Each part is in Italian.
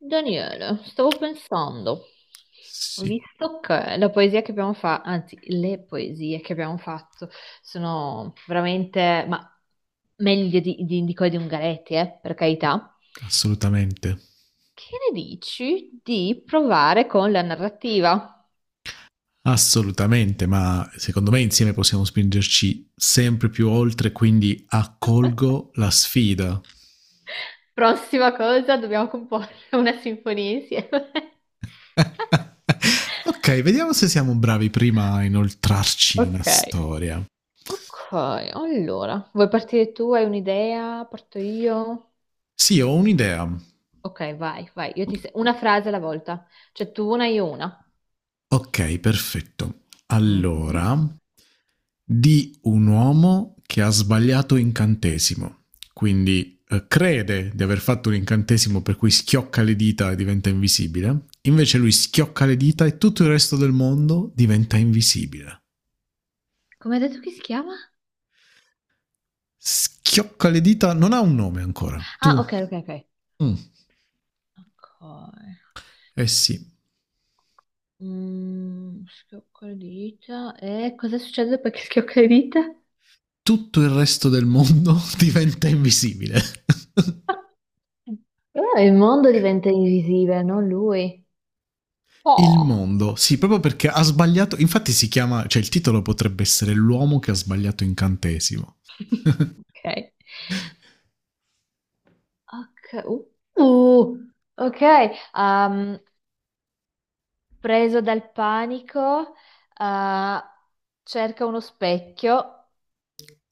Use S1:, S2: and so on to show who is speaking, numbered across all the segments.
S1: Daniele, stavo pensando,
S2: Sì,
S1: visto che la poesia che abbiamo fatto, anzi, le poesie che abbiamo fatto sono veramente, ma meglio di quelle di Ungaretti, per carità,
S2: assolutamente.
S1: che ne dici di provare con la narrativa?
S2: Assolutamente, ma secondo me insieme possiamo spingerci sempre più oltre, quindi accolgo la sfida.
S1: Prossima cosa, dobbiamo comporre una sinfonia insieme.
S2: Ok, vediamo se siamo bravi prima a inoltrarci in una
S1: Ok.
S2: storia.
S1: Ok, allora, vuoi partire tu? Hai un'idea? Parto io?
S2: Sì, ho un'idea.
S1: Ok, vai, vai. Io ti se- Una frase alla volta. Cioè tu una, io una.
S2: Ok, perfetto.
S1: Mhm.
S2: Allora, di un uomo che ha sbagliato incantesimo, quindi crede di aver fatto un incantesimo per cui schiocca le dita e diventa invisibile, invece lui schiocca le dita e tutto il resto del mondo diventa invisibile.
S1: Come hai detto che si chiama?
S2: Schiocca le dita non ha un nome ancora.
S1: Ah,
S2: Tu?
S1: ok, ok, ok.
S2: Mm.
S1: Ok.
S2: Eh sì,
S1: Schiocco le dita. E cosa succede perché schiocca le dita?
S2: tutto il resto del mondo diventa invisibile.
S1: Allora il mondo diventa invisibile, non lui.
S2: Il
S1: Oh.
S2: mondo, sì, proprio perché ha sbagliato, infatti si chiama, cioè il titolo potrebbe essere L'uomo che ha sbagliato incantesimo.
S1: Ok. Ok. Uh, ok, um, preso dal panico, uh, cerca uno specchio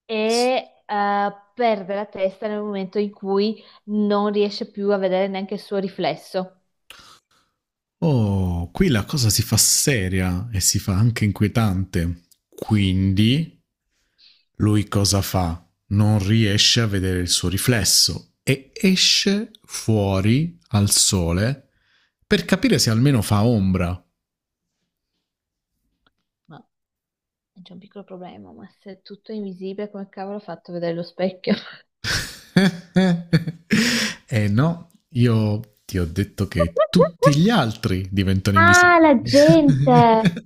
S1: e perde la testa nel momento in cui non riesce più a vedere neanche il suo riflesso.
S2: Oh, qui la cosa si fa seria e si fa anche inquietante. Quindi lui cosa fa? Non riesce a vedere il suo riflesso e esce fuori al sole per capire se almeno fa ombra.
S1: Ma c'è un piccolo problema, ma se tutto è invisibile, come cavolo ho fatto a vedere lo specchio?
S2: Eh no, io ti ho detto che tutti gli altri diventano
S1: Ah,
S2: invisibili.
S1: la gente!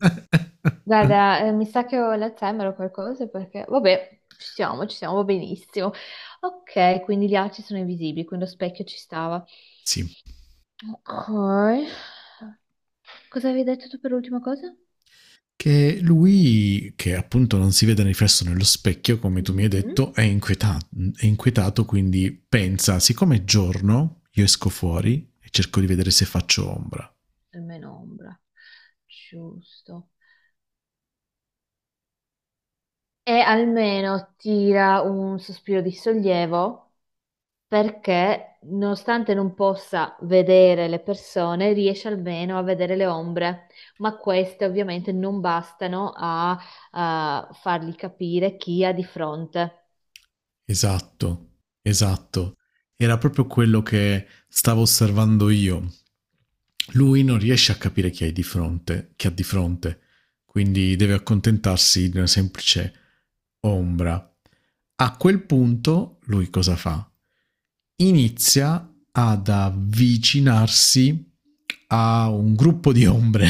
S1: Guarda, mi sa che ho l'Alzheimer o qualcosa perché, vabbè, ci siamo, va benissimo. Ok, quindi gli altri sono invisibili, quindi lo specchio ci stava.
S2: Sì,
S1: Ok. Cosa avevi detto tu per l'ultima cosa?
S2: che lui, che appunto non si vede riflesso nello specchio, come tu mi hai
S1: Mhm.
S2: detto, è inquietato quindi pensa, siccome è giorno, io esco fuori e cerco di vedere se faccio ombra.
S1: E meno ombra. Giusto. E almeno tira un sospiro di sollievo perché, nonostante non possa vedere le persone, riesce almeno a vedere le ombre, ma queste ovviamente non bastano a fargli capire chi ha di fronte.
S2: Esatto, esatto. Era proprio quello che stavo osservando io. Lui non riesce a capire chi hai di fronte, che ha di fronte quindi deve accontentarsi di una semplice ombra. A quel punto lui cosa fa? Inizia ad avvicinarsi a un gruppo di ombre,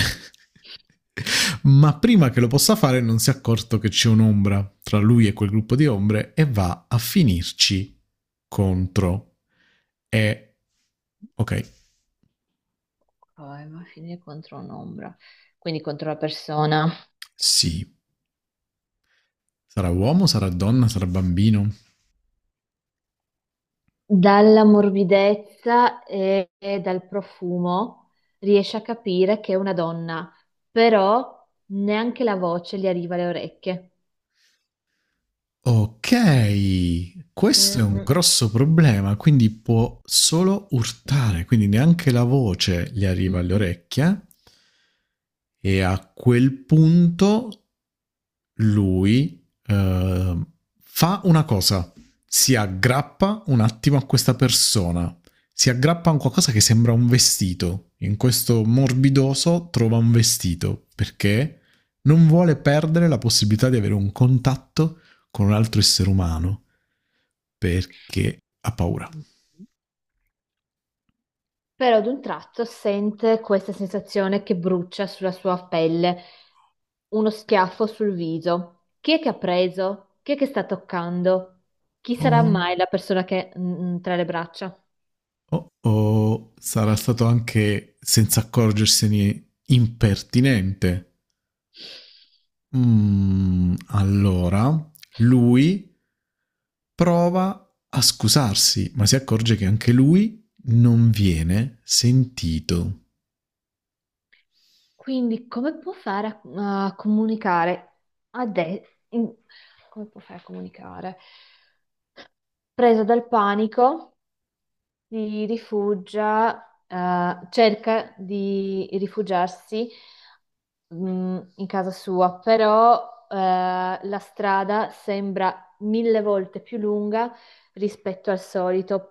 S2: ma prima che lo possa fare non si è accorto che c'è un'ombra tra lui e quel gruppo di ombre e va a finirci contro. E ok,
S1: Poi, ma finire contro un'ombra, quindi contro la persona.
S2: sì, sarà uomo, sarà donna, sarà bambino.
S1: Dalla morbidezza e dal profumo riesce a capire che è una donna, però neanche la voce gli arriva alle orecchie.
S2: Ok,
S1: Mm,
S2: questo è un
S1: mm.
S2: grosso problema, quindi può solo urtare, quindi neanche la voce gli arriva alle
S1: Mhm.
S2: orecchie e a quel punto lui eh, fa una cosa, si aggrappa un attimo a questa persona, si aggrappa a un qualcosa che sembra un vestito, in questo morbidoso trova un vestito perché non vuole perdere la possibilità di avere un contatto con un altro essere umano perché ha paura.
S1: Però ad un tratto sente questa sensazione che brucia sulla sua pelle, uno schiaffo sul viso. Chi è che ha preso? Chi è che sta toccando? Chi
S2: O,
S1: sarà mai la persona che tra le braccia?
S2: o sarà stato anche senza accorgersene impertinente. Mm, allora, lui prova a scusarsi, ma si accorge che anche lui non viene sentito.
S1: Quindi come può fare a comunicare a de- in- come può fare a comunicare? Presa dal panico, si rifugia, cerca di rifugiarsi, in casa sua, però, la strada sembra mille volte più lunga rispetto al solito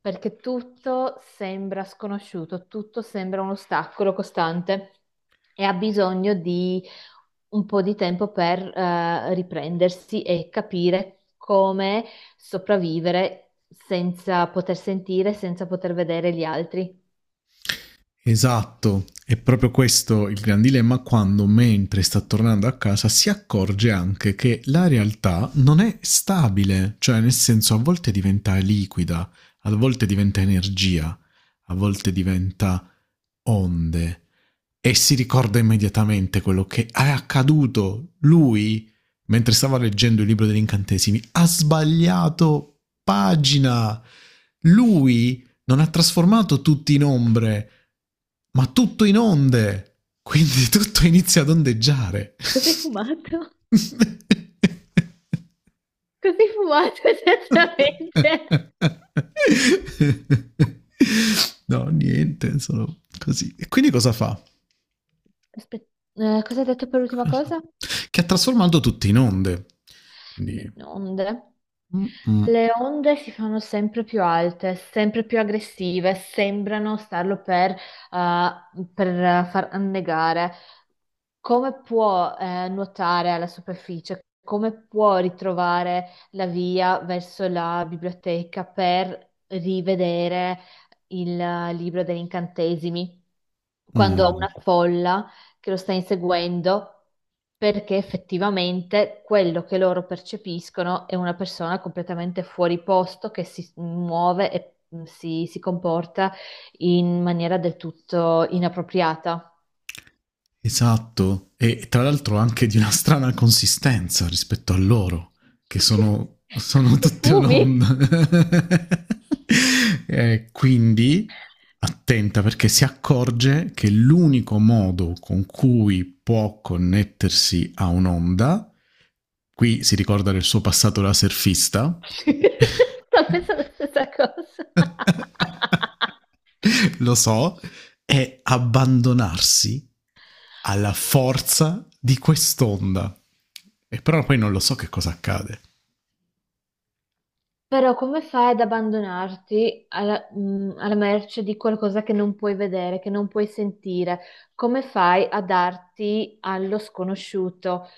S1: perché tutto sembra sconosciuto, tutto sembra un ostacolo costante e ha bisogno di un po' di tempo per riprendersi e capire come sopravvivere senza poter sentire, senza poter vedere gli altri.
S2: Esatto, è proprio questo il gran dilemma quando, mentre sta tornando a casa, si accorge anche che la realtà non è stabile, cioè nel senso a volte diventa liquida, a volte diventa energia, a volte diventa onde e si ricorda immediatamente quello che è accaduto. Lui, mentre stava leggendo il libro degli incantesimi, ha sbagliato pagina. Lui non ha trasformato tutti in ombre, ma tutto in onde. Quindi tutto inizia ad ondeggiare.
S1: Cos'hai fumato? Cos'hai fumato esattamente?
S2: No, niente, sono così. E quindi cosa fa?
S1: Aspetta, cosa hai detto per l'ultima
S2: Cosa-
S1: cosa?
S2: Che ha trasformato tutti in onde. Quindi...
S1: Inonde.
S2: mm, mm,
S1: Le onde si fanno sempre più alte, sempre più aggressive, sembrano starlo per far annegare come può nuotare alla superficie, come può ritrovare la via verso la biblioteca per rivedere il libro degli incantesimi quando ha una
S2: mm.
S1: folla che lo sta inseguendo. Perché effettivamente quello che loro percepiscono è una persona completamente fuori posto che si muove e si comporta in maniera del tutto inappropriata.
S2: Esatto, e tra l'altro anche di una strana consistenza rispetto a loro, che
S1: Ma che,
S2: sono
S1: questi
S2: tutte
S1: fumi?
S2: un'onda. Quindi attenta perché si accorge che l'unico modo con cui può connettersi a un'onda, qui si ricorda del suo passato da surfista,
S1: Sto pensando la stessa cosa.
S2: lo so, è abbandonarsi alla forza di quest'onda. E però poi non lo so che cosa accade.
S1: Però come fai ad abbandonarti alla merce di qualcosa che non puoi vedere, che non puoi sentire? Come fai a darti allo sconosciuto?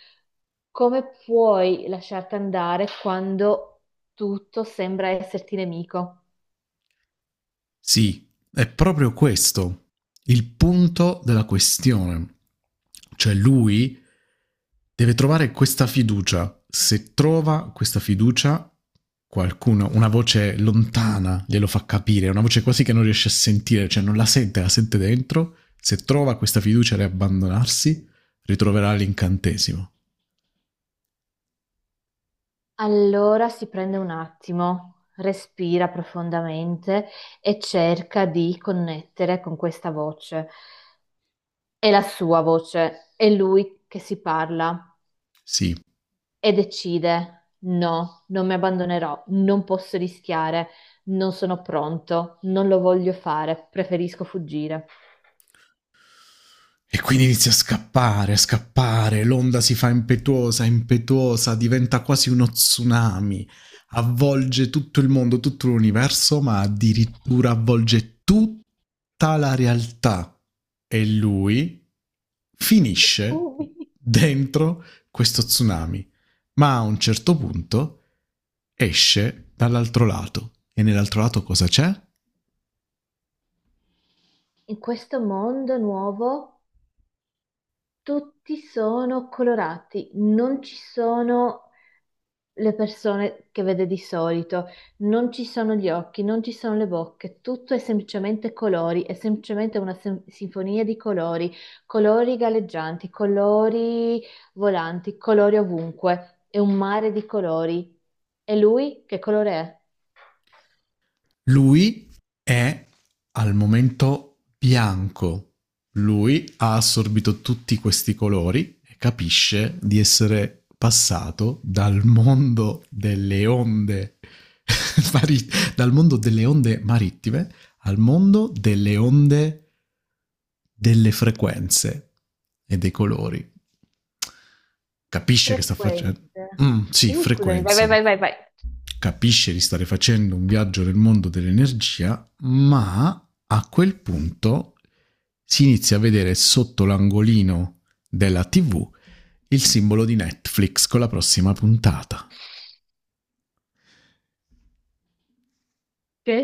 S1: Come puoi lasciarti andare quando tutto sembra esserti nemico?
S2: Sì, è proprio questo il punto della questione. Cioè lui deve trovare questa fiducia. Se trova questa fiducia, qualcuno, una voce lontana glielo fa capire, una voce quasi che non riesce a sentire, cioè non la sente, la sente dentro. Se trova questa fiducia e abbandonarsi, ritroverà l'incantesimo.
S1: Allora si prende un attimo, respira profondamente e cerca di connettere con questa voce. È la sua voce, è lui che si parla
S2: Sì,
S1: e decide: no, non mi abbandonerò, non posso rischiare, non sono pronto, non lo voglio fare, preferisco fuggire.
S2: e quindi inizia a scappare, l'onda si fa impetuosa, impetuosa, diventa quasi uno tsunami, avvolge tutto il mondo, tutto l'universo, ma addirittura avvolge tutta la realtà. E lui finisce
S1: Ui.
S2: dentro questo tsunami, ma a un certo punto esce dall'altro lato. E nell'altro lato cosa c'è?
S1: In questo mondo nuovo tutti sono colorati, non ci sono le persone che vede di solito, non ci sono gli occhi, non ci sono le bocche, tutto è semplicemente colori, è semplicemente una sinfonia di colori, colori galleggianti, colori volanti, colori ovunque, è un mare di colori. E lui che colore è?
S2: Lui è al momento bianco, lui ha assorbito tutti questi colori e capisce di essere passato dal mondo delle onde mari- dal mondo delle onde marittime al mondo delle onde delle frequenze e dei colori. Capisce che sta
S1: Frequente.
S2: facendo. Mm, sì,
S1: Scusami, vai, vai, vai,
S2: frequenze.
S1: vai, vai.
S2: Capisce di stare facendo un viaggio nel mondo dell'energia, ma a quel punto si inizia a vedere sotto l'angolino della TV il simbolo di Netflix con la prossima puntata.
S1: Che?